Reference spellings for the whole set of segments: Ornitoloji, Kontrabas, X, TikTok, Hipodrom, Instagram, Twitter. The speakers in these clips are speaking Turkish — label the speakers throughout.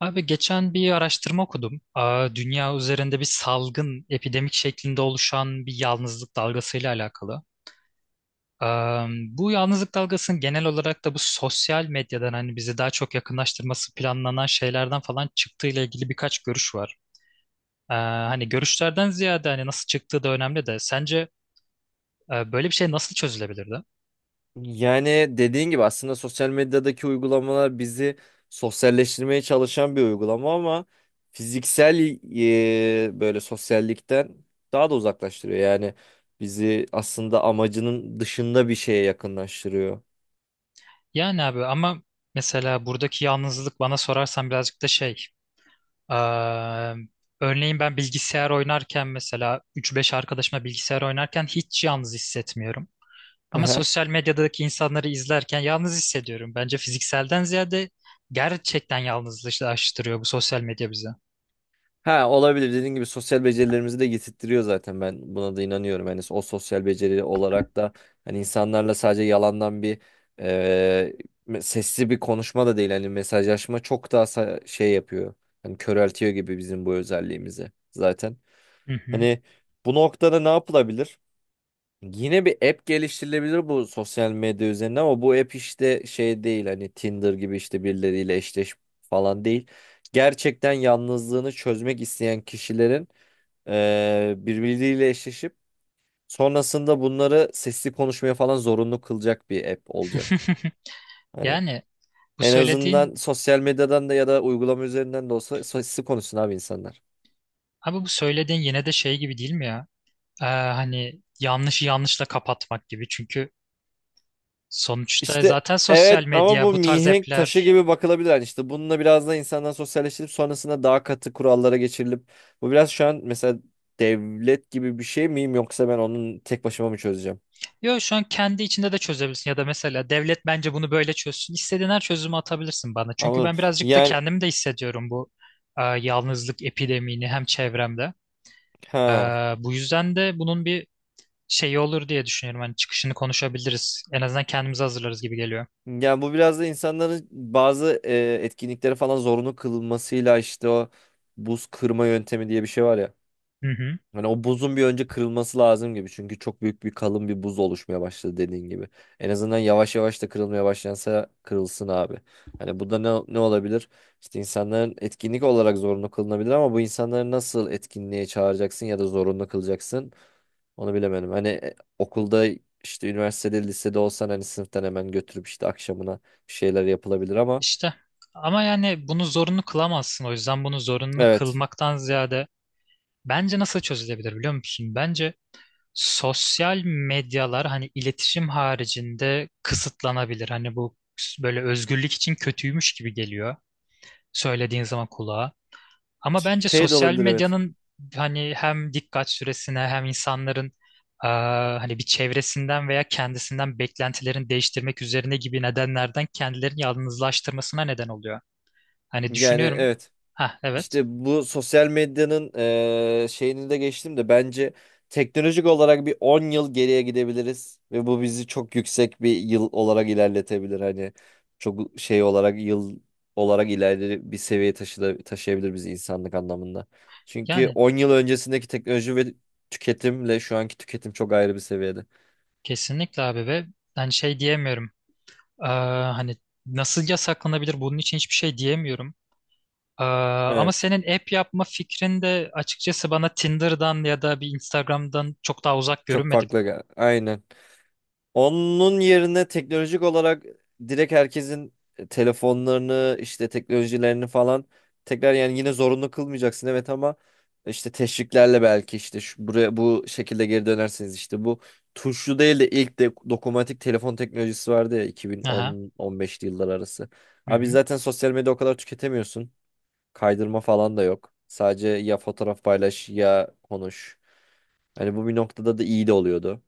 Speaker 1: Abi geçen bir araştırma okudum. Aa, dünya üzerinde bir salgın, epidemik şeklinde oluşan bir yalnızlık dalgasıyla alakalı. Aa, bu yalnızlık dalgasının genel olarak da bu sosyal medyadan hani bizi daha çok yakınlaştırması planlanan şeylerden falan çıktığı ile ilgili birkaç görüş var. Aa, hani görüşlerden ziyade hani nasıl çıktığı da önemli de sence böyle bir şey nasıl çözülebilirdi?
Speaker 2: Yani dediğin gibi aslında sosyal medyadaki uygulamalar bizi sosyalleştirmeye çalışan bir uygulama ama fiziksel böyle sosyallikten daha da uzaklaştırıyor. Yani bizi aslında amacının dışında bir şeye yakınlaştırıyor.
Speaker 1: Yani abi ama mesela buradaki yalnızlık bana sorarsan birazcık da şey. eee, Örneğin ben bilgisayar oynarken mesela üç beş arkadaşımla bilgisayar oynarken hiç yalnız hissetmiyorum. Ama sosyal medyadaki insanları izlerken yalnız hissediyorum. Bence fizikselden ziyade gerçekten yalnızlaştırıyor bu sosyal medya bizi.
Speaker 2: Ha olabilir. Dediğin gibi sosyal becerilerimizi de getirttiriyor zaten. Ben buna da inanıyorum. Yani o sosyal beceri olarak da hani insanlarla sadece yalandan bir e, sesli bir konuşma da değil. Hani mesajlaşma çok daha şey yapıyor. Hani köreltiyor gibi bizim bu özelliğimizi zaten.
Speaker 1: Hı hı.
Speaker 2: Hani bu noktada ne yapılabilir? Yine bir app geliştirilebilir bu sosyal medya üzerine ama bu app işte şey değil, hani Tinder gibi işte birileriyle eşleş falan değil. Gerçekten yalnızlığını çözmek isteyen kişilerin birbirleriyle eşleşip sonrasında bunları sesli konuşmaya falan zorunlu kılacak bir app olacak. Hani
Speaker 1: Yani bu
Speaker 2: en
Speaker 1: söylediğin
Speaker 2: azından sosyal medyadan da ya da uygulama üzerinden de olsa sesli konuşsun abi insanlar.
Speaker 1: abi bu söylediğin yine de şey gibi değil mi ya? Hani yanlışı yanlışla kapatmak gibi. Çünkü sonuçta
Speaker 2: İşte
Speaker 1: zaten sosyal
Speaker 2: evet, ama
Speaker 1: medya
Speaker 2: bu
Speaker 1: bu tarz
Speaker 2: mihenk taşı
Speaker 1: app'ler.
Speaker 2: gibi bakılabilir. Yani işte bununla biraz da insandan sosyalleştirip sonrasında daha katı kurallara geçirilip, bu biraz şu an mesela devlet gibi bir şey miyim yoksa ben onun tek başıma mı çözeceğim?
Speaker 1: Yo şu an kendi içinde de çözebilirsin ya da mesela devlet bence bunu böyle çözsün. İstediğin her çözümü atabilirsin bana. Çünkü ben
Speaker 2: Anladım.
Speaker 1: birazcık da
Speaker 2: Yani
Speaker 1: kendim de hissediyorum bu yalnızlık epidemini hem çevremde. E,
Speaker 2: ha.
Speaker 1: Bu yüzden de bunun bir şeyi olur diye düşünüyorum. Hani çıkışını konuşabiliriz. En azından kendimizi hazırlarız gibi geliyor.
Speaker 2: Yani bu biraz da insanların bazı etkinlikleri falan zorunlu kılmasıyla işte o buz kırma yöntemi diye bir şey var ya.
Speaker 1: Hı hı.
Speaker 2: Hani o buzun bir önce kırılması lazım gibi. Çünkü çok büyük bir kalın bir buz oluşmaya başladı dediğin gibi. En azından yavaş yavaş da kırılmaya başlansa kırılsın abi. Hani bu da ne olabilir? İşte insanların etkinlik olarak zorunlu kılınabilir ama bu insanları nasıl etkinliğe çağıracaksın ya da zorunlu kılacaksın, onu bilemedim. Hani okulda işte üniversitede lisede olsan hani sınıftan hemen götürüp işte akşamına bir şeyler yapılabilir ama
Speaker 1: İşte ama yani bunu zorunlu kılamazsın. O yüzden bunu zorunlu
Speaker 2: evet.
Speaker 1: kılmaktan ziyade bence nasıl çözülebilir biliyor musun? Bence sosyal medyalar hani iletişim haricinde kısıtlanabilir. Hani bu böyle özgürlük için kötüymüş gibi geliyor söylediğin zaman kulağa. Ama bence
Speaker 2: Şey de
Speaker 1: sosyal
Speaker 2: olabilir, evet.
Speaker 1: medyanın hani hem dikkat süresine hem insanların eee, hani bir çevresinden veya kendisinden beklentilerini değiştirmek üzerine gibi nedenlerden kendilerini yalnızlaştırmasına neden oluyor. Hani
Speaker 2: Yani
Speaker 1: düşünüyorum.
Speaker 2: evet.
Speaker 1: Ha evet.
Speaker 2: İşte bu sosyal medyanın şeyini de geçtim de bence teknolojik olarak bir 10 yıl geriye gidebiliriz ve bu bizi çok yüksek bir yıl olarak ilerletebilir. Hani çok şey olarak yıl olarak ileri bir seviyeye taşıyabilir bizi insanlık anlamında. Çünkü
Speaker 1: Yani
Speaker 2: 10 yıl öncesindeki teknoloji ve tüketimle şu anki tüketim çok ayrı bir seviyede.
Speaker 1: kesinlikle abi ve hani şey diyemiyorum. Ee, Hani nasıl yasaklanabilir bunun için hiçbir şey diyemiyorum. Ee, Ama
Speaker 2: Evet,
Speaker 1: senin app yapma fikrin de açıkçası bana Tinder'dan ya da bir Instagram'dan çok daha uzak
Speaker 2: çok
Speaker 1: görünmedi.
Speaker 2: farklı. Aynen. Onun yerine teknolojik olarak direkt herkesin telefonlarını işte teknolojilerini falan tekrar, yani yine zorunlu kılmayacaksın evet, ama işte teşviklerle belki işte şu, buraya bu şekilde geri dönersiniz işte. Bu tuşlu değil de ilk de dokunmatik telefon teknolojisi vardı ya,
Speaker 1: Aha.
Speaker 2: 2010-15'li yıllar arası.
Speaker 1: Hı
Speaker 2: Abi
Speaker 1: hı.
Speaker 2: zaten sosyal medya o kadar tüketemiyorsun. Kaydırma falan da yok. Sadece ya fotoğraf paylaş ya konuş. Hani bu bir noktada da iyi de oluyordu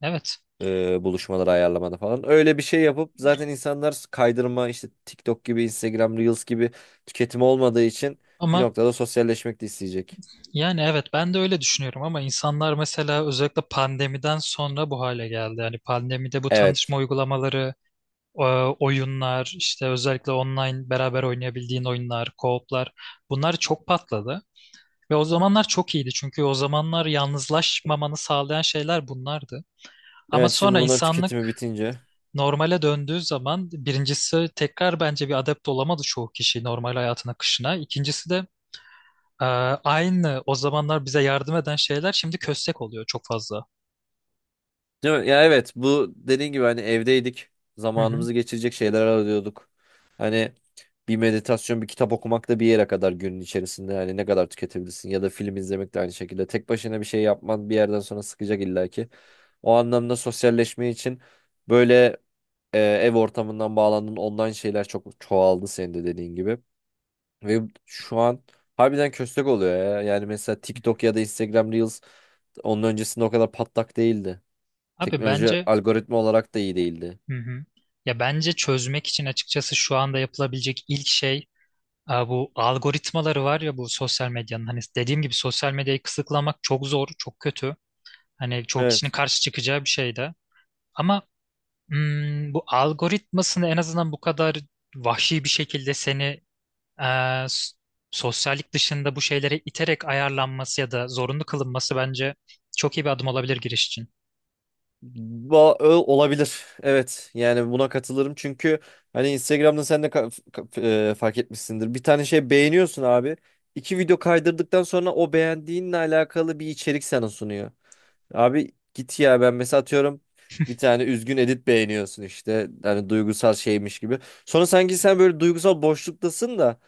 Speaker 1: Evet.
Speaker 2: buluşmaları ayarlamada falan. Öyle bir şey yapıp zaten insanlar kaydırma işte TikTok gibi Instagram Reels gibi tüketimi olmadığı için bir
Speaker 1: Ama
Speaker 2: noktada sosyalleşmek de isteyecek.
Speaker 1: yani evet ben de öyle düşünüyorum ama insanlar mesela özellikle pandemiden sonra bu hale geldi. Yani pandemide bu
Speaker 2: Evet.
Speaker 1: tanışma uygulamaları, e, oyunlar, işte özellikle online beraber oynayabildiğin oyunlar, co-op'lar, bunlar çok patladı. Ve o zamanlar çok iyiydi çünkü o zamanlar yalnızlaşmamanı sağlayan şeyler bunlardı. Ama
Speaker 2: Evet, şimdi
Speaker 1: sonra
Speaker 2: bunların tüketimi
Speaker 1: insanlık
Speaker 2: bitince.
Speaker 1: normale döndüğü zaman birincisi tekrar bence bir adapte olamadı çoğu kişi normal hayatın akışına. İkincisi de e, aynı o zamanlar bize yardım eden şeyler şimdi köstek oluyor çok fazla.
Speaker 2: Değil mi? Ya evet, bu dediğin gibi hani evdeydik.
Speaker 1: Hı hı.
Speaker 2: Zamanımızı geçirecek şeyler arıyorduk. Hani bir meditasyon, bir kitap okumak da bir yere kadar günün içerisinde. Hani ne kadar tüketebilirsin ya da film izlemek de aynı şekilde. Tek başına bir şey yapman bir yerden sonra sıkacak illaki. O anlamda sosyalleşme için böyle ev ortamından bağlandın. Ondan şeyler çok çoğaldı senin de dediğin gibi. Ve şu an harbiden köstek oluyor ya. Yani mesela TikTok ya da Instagram Reels onun öncesinde o kadar patlak değildi.
Speaker 1: Abi
Speaker 2: Teknoloji
Speaker 1: bence
Speaker 2: algoritma olarak da iyi değildi.
Speaker 1: hı hı. Ya bence çözmek için açıkçası şu anda yapılabilecek ilk şey, Aa, bu algoritmaları var ya bu sosyal medyanın, hani dediğim gibi sosyal medyayı kısıtlamak çok zor, çok kötü. Hani çoğu kişinin
Speaker 2: Evet.
Speaker 1: karşı çıkacağı bir şey de. Ama bu algoritmasını en azından bu kadar vahşi bir şekilde seni eee, s- sosyallik dışında bu şeylere iterek ayarlanması ya da zorunlu kılınması bence çok iyi bir adım olabilir giriş için.
Speaker 2: Olabilir. Evet. Yani buna katılırım. Çünkü hani Instagram'da sen de fark etmişsindir. Bir tane şey beğeniyorsun abi. İki video kaydırdıktan sonra o beğendiğinle alakalı bir içerik sana sunuyor. Abi git ya, ben mesela atıyorum bir tane üzgün edit beğeniyorsun işte hani duygusal şeymiş gibi. Sonra sanki sen böyle duygusal boşluktasın da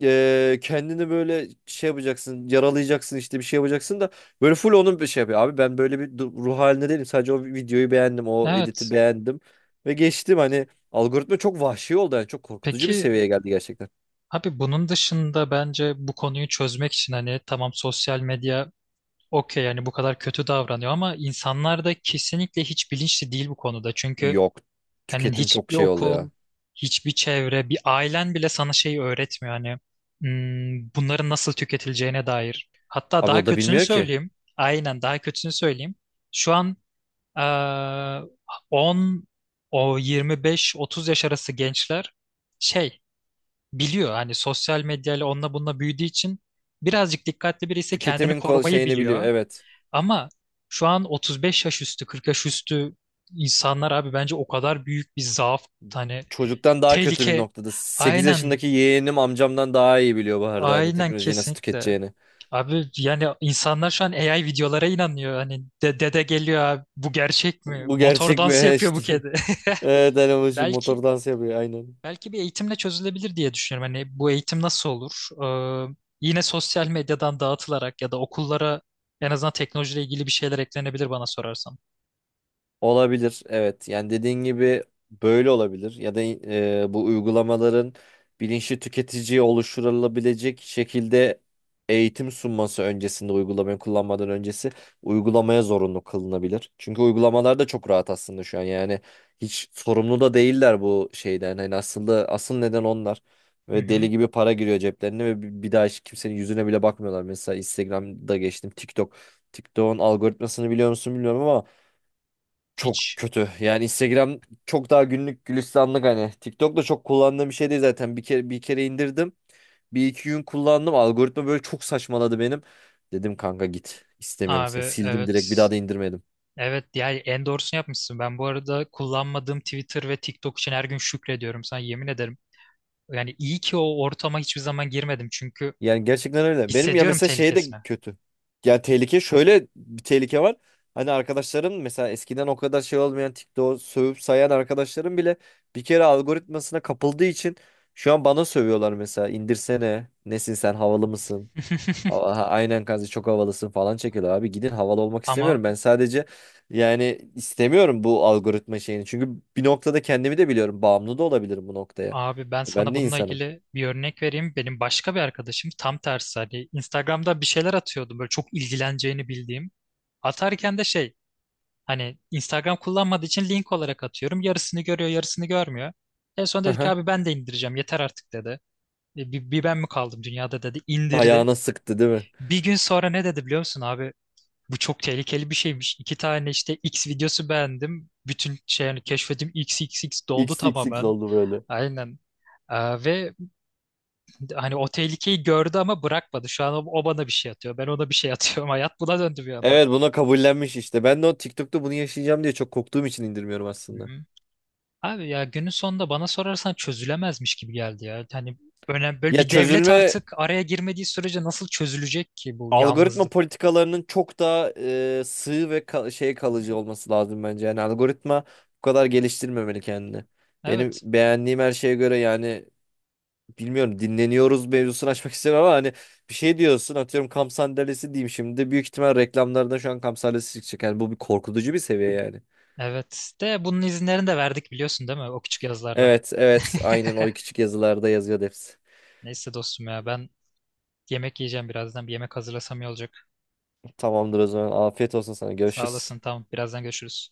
Speaker 2: kendini böyle şey yapacaksın, yaralayacaksın, işte bir şey yapacaksın da böyle full onun bir şey yapıyor. Abi ben böyle bir ruh halinde değilim, sadece o videoyu beğendim, o
Speaker 1: Evet.
Speaker 2: editi beğendim ve geçtim. Hani algoritma çok vahşi oldu, yani çok korkutucu bir
Speaker 1: Peki
Speaker 2: seviyeye geldi gerçekten.
Speaker 1: abi bunun dışında bence bu konuyu çözmek için hani tamam, sosyal medya okey, yani bu kadar kötü davranıyor ama insanlar da kesinlikle hiç bilinçli değil bu konuda. Çünkü
Speaker 2: Yok,
Speaker 1: hani
Speaker 2: tüketim çok
Speaker 1: hiçbir
Speaker 2: şey oldu ya,
Speaker 1: okul, hiçbir çevre, bir ailen bile sana şeyi öğretmiyor, hani bunların nasıl tüketileceğine dair. Hatta
Speaker 2: abi
Speaker 1: daha
Speaker 2: o da
Speaker 1: kötüsünü
Speaker 2: bilmiyor ki
Speaker 1: söyleyeyim. Aynen, daha kötüsünü söyleyeyim. Şu an eee 10 o 25-30 yaş arası gençler şey biliyor, hani sosyal medyayla, onunla bununla büyüdüğü için birazcık dikkatli birisi kendini
Speaker 2: tüketimin
Speaker 1: korumayı
Speaker 2: şeyini biliyor,
Speaker 1: biliyor.
Speaker 2: evet.
Speaker 1: Ama şu an 35 yaş üstü, 40 yaş üstü insanlar abi bence o kadar büyük bir zaaf, hani
Speaker 2: Çocuktan daha kötü bir
Speaker 1: tehlike.
Speaker 2: noktada. Sekiz
Speaker 1: Aynen,
Speaker 2: yaşındaki yeğenim amcamdan daha iyi biliyor bu arada hani
Speaker 1: aynen
Speaker 2: teknolojiyi nasıl
Speaker 1: kesinlikle.
Speaker 2: tüketeceğini.
Speaker 1: Abi yani insanlar şu an AI videolara inanıyor. Hani dede geliyor, abi bu gerçek mi?
Speaker 2: Bu
Speaker 1: Motor
Speaker 2: gerçek
Speaker 1: dansı
Speaker 2: mi?
Speaker 1: yapıyor bu
Speaker 2: İşte.
Speaker 1: kedi.
Speaker 2: Evet, hani bu şu
Speaker 1: Belki
Speaker 2: motor dans yapıyor aynen.
Speaker 1: belki bir eğitimle çözülebilir diye düşünüyorum. Hani bu eğitim nasıl olur? Ee, Yine sosyal medyadan dağıtılarak ya da okullara en azından teknolojiyle ilgili bir şeyler eklenebilir bana sorarsan.
Speaker 2: Olabilir, evet. Yani dediğin gibi böyle olabilir ya da bu uygulamaların bilinçli tüketiciye oluşturulabilecek şekilde eğitim sunması, öncesinde uygulamayı kullanmadan öncesi uygulamaya zorunlu kılınabilir. Çünkü uygulamalar da çok rahat aslında şu an, yani hiç sorumlu da değiller bu şeyden. Hani aslında asıl neden onlar
Speaker 1: Hı
Speaker 2: ve
Speaker 1: hı.
Speaker 2: deli gibi para giriyor ceplerine ve bir daha hiç kimsenin yüzüne bile bakmıyorlar. Mesela Instagram'da geçtim, TikTok. TikTok'un algoritmasını biliyor musun bilmiyorum ama çok
Speaker 1: Hiç.
Speaker 2: kötü. Yani Instagram çok daha günlük gülistanlık hani. TikTok da çok kullandığım bir şey değil zaten. Bir kere indirdim. Bir iki gün kullandım. Algoritma böyle çok saçmaladı benim. Dedim kanka git. İstemiyorum
Speaker 1: Abi
Speaker 2: seni. Sildim, direkt bir
Speaker 1: evet.
Speaker 2: daha da indirmedim.
Speaker 1: Evet, yani en doğrusunu yapmışsın. Ben bu arada kullanmadığım Twitter ve TikTok için her gün şükrediyorum, sana yemin ederim. Yani iyi ki o ortama hiçbir zaman girmedim çünkü
Speaker 2: Yani gerçekten öyle. Benim ya
Speaker 1: hissediyorum
Speaker 2: mesela şey de
Speaker 1: tehlikesini.
Speaker 2: kötü. Yani tehlike, şöyle bir tehlike var. Hani arkadaşlarım mesela eskiden o kadar şey olmayan TikTok'u sövüp sayan arkadaşlarım bile bir kere algoritmasına kapıldığı için şu an bana sövüyorlar mesela. İndirsene. Nesin sen, havalı mısın? Aha, aynen kanka çok havalısın falan çekiyorlar abi. Gidin, havalı olmak
Speaker 1: Ama
Speaker 2: istemiyorum. Ben sadece, yani istemiyorum bu algoritma şeyini. Çünkü bir noktada kendimi de biliyorum. Bağımlı da olabilirim bu noktaya.
Speaker 1: abi ben
Speaker 2: Ben
Speaker 1: sana
Speaker 2: de
Speaker 1: bununla
Speaker 2: insanım.
Speaker 1: ilgili bir örnek vereyim. Benim başka bir arkadaşım tam tersi, hani Instagram'da bir şeyler atıyordu böyle çok ilgileneceğini bildiğim. Atarken de şey, hani Instagram kullanmadığı için link olarak atıyorum. Yarısını görüyor, yarısını görmüyor. En son dedi ki
Speaker 2: Aha.
Speaker 1: abi ben de indireceğim, yeter artık dedi. Bir ben mi kaldım dünyada dedi. İndirdi.
Speaker 2: Ayağına sıktı değil mi?
Speaker 1: Bir gün sonra ne dedi biliyor musun abi? Bu çok tehlikeli bir şeymiş. İki tane işte X videosu beğendim. Bütün şey, hani keşfetim X X X doldu
Speaker 2: X X X
Speaker 1: tamamen.
Speaker 2: oldu böyle.
Speaker 1: Aynen. Ve Hani o tehlikeyi gördü ama bırakmadı. Şu an o, o bana bir şey atıyor. Ben ona bir şey atıyorum. Hayat buna döndü bir anda.
Speaker 2: Evet, buna kabullenmiş işte. Ben de o TikTok'ta bunu yaşayacağım diye çok korktuğum için indirmiyorum aslında.
Speaker 1: Hı-hı. Abi ya günün sonunda bana sorarsan çözülemezmiş gibi geldi ya. Hani önemli, böyle
Speaker 2: Ya
Speaker 1: bir devlet
Speaker 2: çözülme,
Speaker 1: artık araya girmediği sürece nasıl çözülecek ki bu
Speaker 2: algoritma
Speaker 1: yalnızlık?
Speaker 2: politikalarının çok daha sığ ve şey, kalıcı olması lazım bence. Yani algoritma bu kadar geliştirmemeli kendini. Benim
Speaker 1: Evet.
Speaker 2: beğendiğim her şeye göre yani, bilmiyorum, dinleniyoruz mevzusunu açmak istemem ama hani bir şey diyorsun, atıyorum kamp sandalyesi diyeyim şimdi, büyük ihtimal reklamlarda şu an kamp sandalyesi çıkacak. Yani bu bir korkutucu bir seviye yani.
Speaker 1: Evet. De bunun izinlerini de verdik biliyorsun değil mi? O küçük yazlarda.
Speaker 2: Evet, evet aynen, o küçük yazılarda yazıyordu hepsi.
Speaker 1: Neyse dostum, ya ben yemek yiyeceğim birazdan. Bir yemek hazırlasam iyi olacak.
Speaker 2: Tamamdır, o zaman afiyet olsun sana,
Speaker 1: Sağ
Speaker 2: görüşürüz.
Speaker 1: olasın. Tamam. Birazdan görüşürüz.